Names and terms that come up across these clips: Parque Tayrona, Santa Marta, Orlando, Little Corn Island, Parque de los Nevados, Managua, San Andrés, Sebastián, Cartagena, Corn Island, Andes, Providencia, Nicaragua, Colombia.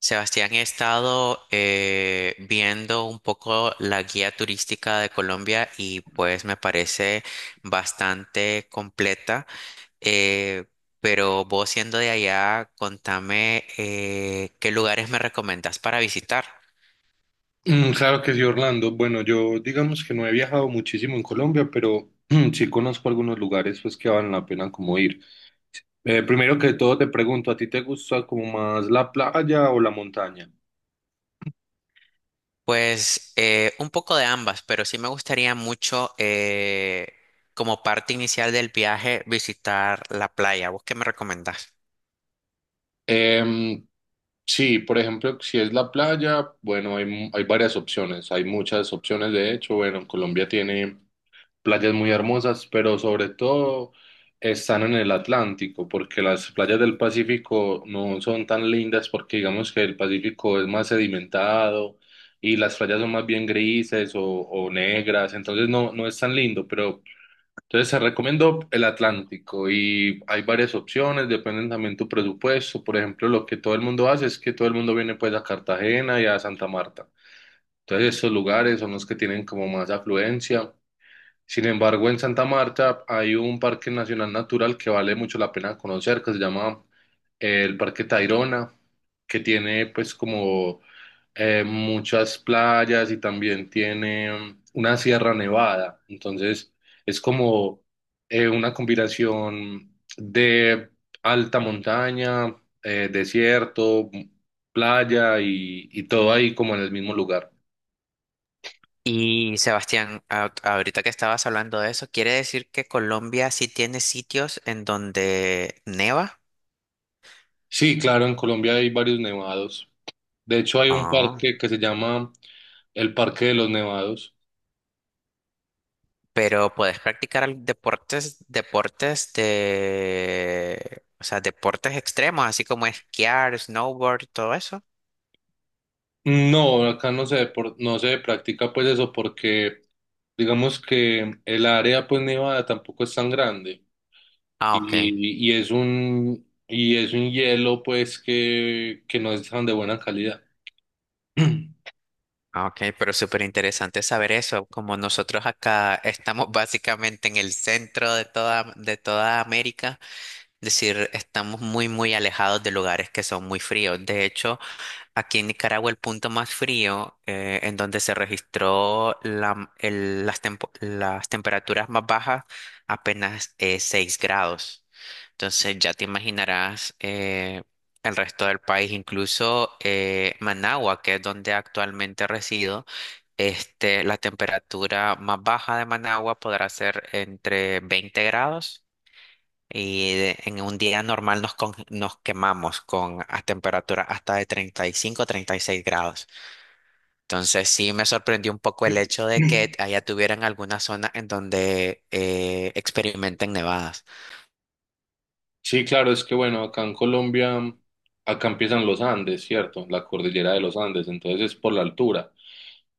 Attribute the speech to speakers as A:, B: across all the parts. A: Sebastián, he estado viendo un poco la guía turística de Colombia y pues me parece bastante completa. Eh, pero vos siendo de allá, contame qué lugares me recomendas para visitar.
B: Mm, claro que sí, Orlando. Bueno, yo digamos que no he viajado muchísimo en Colombia, pero sí conozco algunos lugares pues que valen la pena como ir. Primero que todo te pregunto, ¿a ti te gusta como más la playa o la montaña?
A: Pues un poco de ambas, pero sí me gustaría mucho como parte inicial del viaje visitar la playa. ¿Vos qué me recomendás?
B: Em, sí, por ejemplo, si es la playa, bueno, hay varias opciones, hay muchas opciones de hecho. Bueno, Colombia tiene playas muy hermosas, pero sobre todo están en el Atlántico, porque las playas del Pacífico no son tan lindas porque digamos que el Pacífico es más sedimentado y las playas son más bien grises o negras, entonces no, no es tan lindo, pero entonces se recomiendo el Atlántico y hay varias opciones, dependen también tu presupuesto, por ejemplo, lo que todo el mundo hace es que todo el mundo viene pues a Cartagena y a Santa Marta. Entonces, estos lugares son los que tienen como más afluencia. Sin embargo, en Santa Marta hay un parque nacional natural que vale mucho la pena conocer, que se llama el Parque Tayrona, que tiene pues como muchas playas y también tiene una sierra nevada. Entonces, es como una combinación de alta montaña, desierto, playa y todo ahí como en el mismo lugar.
A: Y Sebastián, ahorita que estabas hablando de eso, ¿quiere decir que Colombia sí tiene sitios en donde neva?
B: Sí, claro, en Colombia hay varios nevados. De hecho, hay un
A: Ah,
B: parque que se llama el Parque de los Nevados.
A: pero puedes practicar deportes, o sea, deportes extremos, así como esquiar, snowboard, todo eso.
B: No, acá no se practica pues eso porque digamos que el área pues nevada tampoco es tan grande
A: Ah, ok.
B: y es un hielo pues que no es tan de buena calidad.
A: Ah, ok, pero súper interesante saber eso, como nosotros acá estamos básicamente en el centro de toda América, es decir, estamos muy, muy alejados de lugares que son muy fríos. De hecho, aquí en Nicaragua el punto más frío en donde se registró las temperaturas más bajas apenas es 6 grados. Entonces ya te imaginarás el resto del país, incluso Managua, que es donde actualmente resido, este, la temperatura más baja de Managua podrá ser entre 20 grados y en un día normal nos quemamos con a temperatura hasta de 30, 35, 36 grados. Entonces sí me sorprendió un poco el hecho de que allá tuvieran alguna zona en donde experimenten nevadas.
B: Sí, claro, es que bueno, acá en Colombia, acá empiezan los Andes, ¿cierto? La cordillera de los Andes, entonces es por la altura,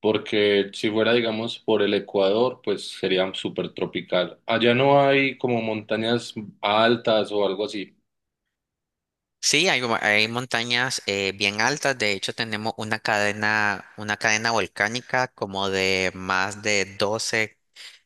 B: porque si fuera, digamos, por el Ecuador, pues sería súper tropical. Allá no hay como montañas altas o algo así.
A: Sí, hay montañas bien altas. De hecho, tenemos una cadena volcánica como de más de 12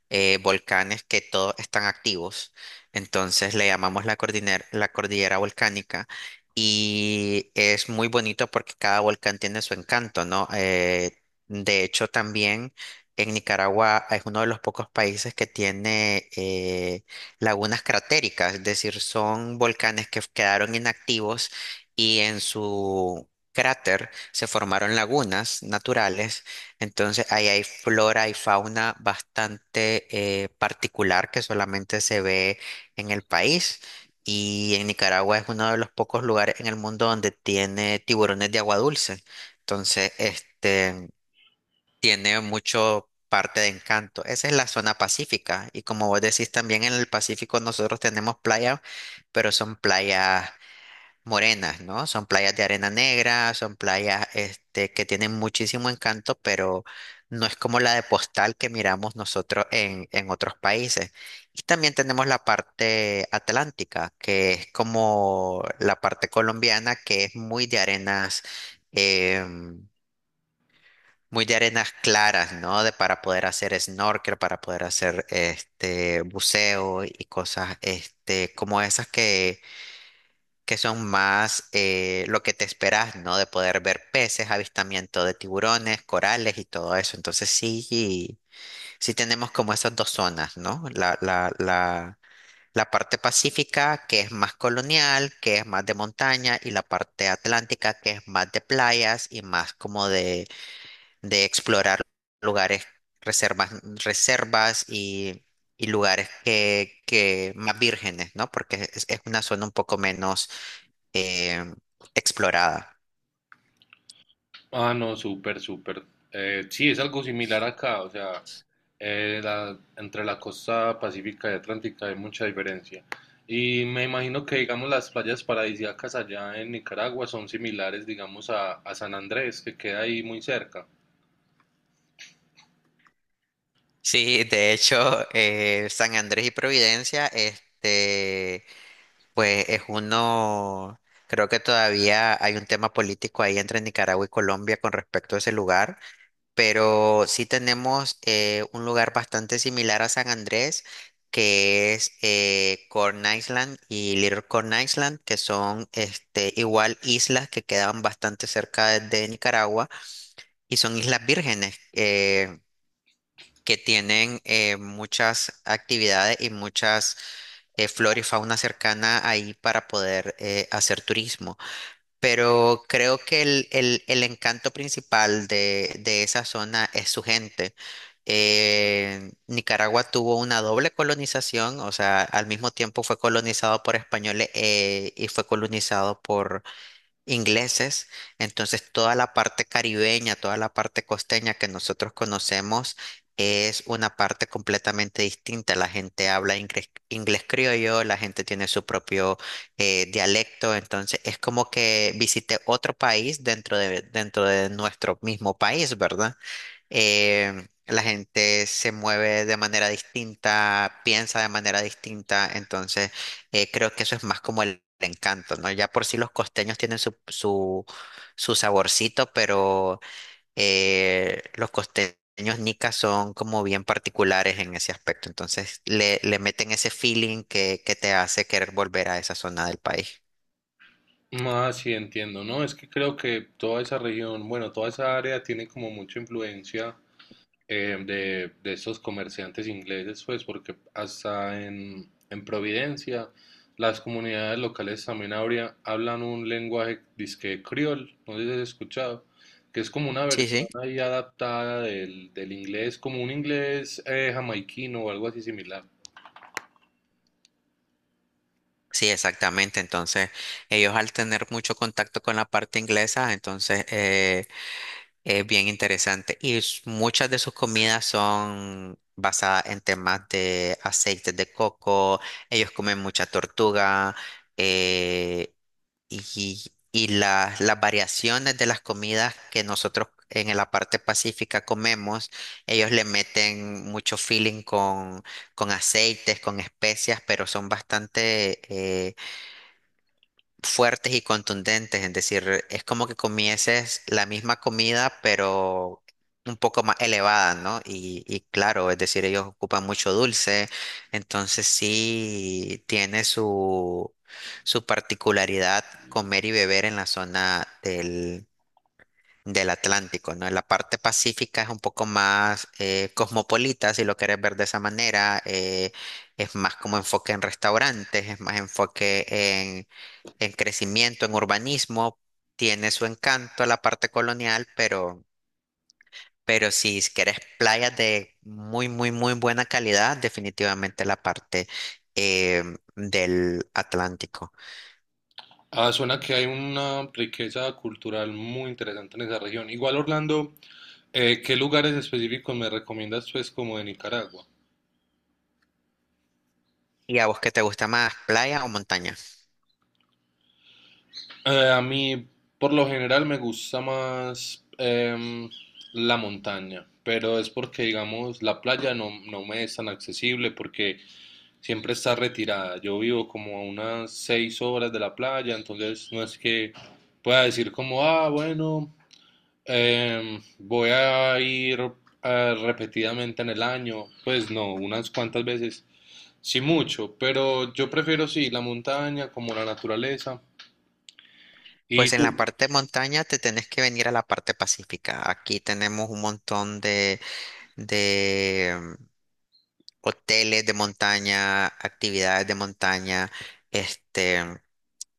A: volcanes que todos están activos. Entonces le llamamos la cordillera volcánica y es muy bonito porque cada volcán tiene su encanto, ¿no? De hecho, también en Nicaragua es uno de los pocos países que tiene lagunas cratéricas, es decir, son volcanes que quedaron inactivos y en su cráter se formaron lagunas naturales. Entonces, ahí hay flora y fauna bastante particular que solamente se ve en el país. Y en Nicaragua es uno de los pocos lugares en el mundo donde tiene tiburones de agua dulce. Entonces, este tiene mucho parte de encanto. Esa es la zona pacífica. Y como vos decís, también en el Pacífico nosotros tenemos playas, pero son playas morenas, ¿no? Son playas de arena negra, son playas este, que tienen muchísimo encanto, pero no es como la de postal que miramos nosotros en otros países. Y también tenemos la parte atlántica, que es como la parte colombiana, que es muy de arenas, em, muy de arenas claras, ¿no? De Para poder hacer snorkel, para poder hacer este buceo y cosas este, como esas que son más lo que te esperas, ¿no? De poder ver peces, avistamiento de tiburones, corales y todo eso. Entonces sí, sí tenemos como esas dos zonas, ¿no? La parte pacífica, que es más colonial, que es más de montaña, y la parte atlántica, que es más de playas y más como de explorar lugares, reservas, reservas y lugares que más vírgenes, ¿no? Porque es una zona un poco menos eh, explorada.
B: Ah, no, súper, súper. Sí, es algo similar acá, o sea, entre la costa pacífica y atlántica hay mucha diferencia. Y me imagino que, digamos, las playas paradisíacas allá en Nicaragua son similares, digamos, a San Andrés, que queda ahí muy cerca.
A: Sí, de hecho, San Andrés y Providencia, este, pues es uno, creo que todavía hay un tema político ahí entre Nicaragua y Colombia con respecto a ese lugar, pero sí tenemos un lugar bastante similar a San Andrés, que es Corn Island y Little Corn Island, que son este, igual islas que quedan bastante cerca de Nicaragua y son islas vírgenes. Que tienen muchas actividades y muchas flora y fauna cercana ahí para poder hacer turismo. Pero creo que el encanto principal de esa zona es su gente. Nicaragua tuvo una doble colonización, o sea, al mismo tiempo fue colonizado por españoles y fue colonizado ingleses, entonces toda la parte caribeña, toda la parte costeña que nosotros conocemos es una parte completamente distinta. La gente habla inglés, criollo, la gente tiene su propio dialecto, entonces es como que visité otro país dentro de nuestro mismo país, ¿verdad? La gente se mueve de manera distinta, piensa de manera distinta, entonces creo que eso es más como el encanto, ¿no? Ya por sí los costeños tienen su saborcito, pero los costeños nicas son como bien particulares en ese aspecto, entonces le meten ese feeling que te hace querer volver a esa zona del país.
B: Ah, sí, entiendo, ¿no? Es que creo que toda esa región, bueno, toda esa área tiene como mucha influencia. De esos comerciantes ingleses, pues, porque hasta en Providencia las comunidades locales también hablan un lenguaje disque criol, no sé si has escuchado, que es como una
A: Sí, sí.
B: versión ahí adaptada del inglés, como un inglés jamaiquino o algo así similar.
A: Sí, exactamente. Entonces, ellos al tener mucho contacto con la parte inglesa, entonces es bien interesante. Y muchas de sus comidas son basadas en temas de aceites de coco. Ellos comen mucha tortuga. eh, y las variaciones de las comidas que nosotros en la parte pacífica comemos, ellos le meten mucho feeling con aceites, con especias, pero son bastante fuertes y contundentes, es decir, es como que comieses la misma comida, pero un poco más elevada, ¿no? Y claro, es decir, ellos ocupan mucho dulce, entonces sí tiene su particularidad comer y beber en la zona del Atlántico, ¿no? En la parte pacífica es un poco más cosmopolita, si lo quieres ver de esa manera. Es más como enfoque en restaurantes, es más enfoque en el crecimiento en urbanismo. Tiene su encanto a la parte colonial, pero si querés playas de muy, muy, muy buena calidad, definitivamente la parte eh, del Atlántico.
B: Ah, suena que hay una riqueza cultural muy interesante en esa región. Igual, Orlando, ¿qué lugares específicos me recomiendas, pues, como de Nicaragua?
A: ¿Y a vos qué te gusta más, playa o montaña?
B: A mí, por lo general, me gusta más la montaña, pero es porque, digamos, la playa no me es tan accesible porque siempre está retirada. Yo vivo como a unas 6 horas de la playa, entonces no es que pueda decir como, ah, bueno, voy a ir repetidamente en el año. Pues no, unas cuantas veces, sí mucho, pero yo prefiero sí la montaña como la naturaleza. ¿Y
A: Pues en la
B: tú?
A: parte de montaña te tenés que venir a la parte pacífica. Aquí tenemos un montón de hoteles de montaña, actividades de montaña, este...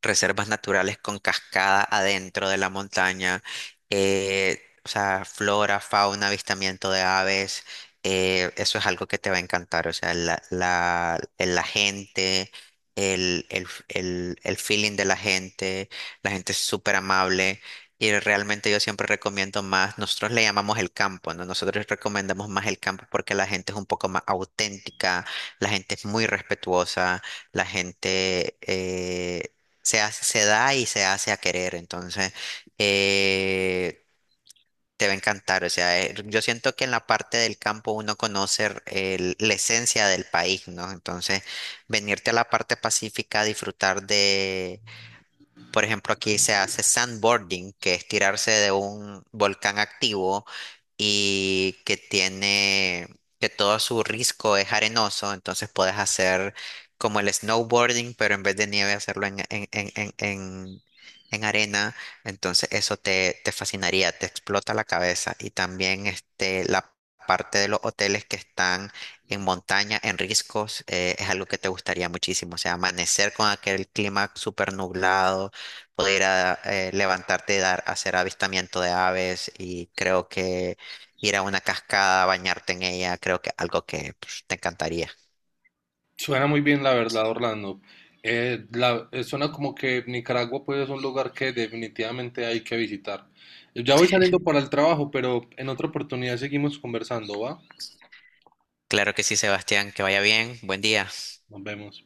A: reservas naturales con cascada adentro de la montaña, o sea, flora, fauna, avistamiento de aves, eso es algo que te va a encantar, o sea, la gente, el feeling de la gente es súper amable. Y realmente yo siempre recomiendo más, nosotros le llamamos el campo, ¿no? Nosotros recomendamos más el campo porque la gente es un poco más auténtica, la gente es muy respetuosa, la gente, se da y se hace a querer, entonces eh, te va a encantar. O sea, yo siento que en la parte del campo uno conoce la esencia del país, ¿no? Entonces, venirte a la parte pacífica a disfrutar de, por ejemplo, aquí se hace sandboarding, que es tirarse de un volcán activo y que todo su risco es arenoso, entonces puedes hacer como el snowboarding, pero en vez de nieve hacerlo en arena, entonces eso te fascinaría, te explota la cabeza. Y también este, la parte de los hoteles que están en montaña, en riscos, es algo que te gustaría muchísimo, o sea, amanecer con aquel clima súper nublado poder levantarte, dar, hacer avistamiento de aves y creo que ir a una cascada, bañarte en ella, creo que algo que pues, te encantaría.
B: Suena muy bien, la verdad, Orlando. Suena como que Nicaragua pues es un lugar que definitivamente hay que visitar. Ya voy saliendo para el trabajo, pero en otra oportunidad seguimos conversando, ¿va?
A: Claro que sí, Sebastián, que vaya bien, buen día.
B: Nos vemos.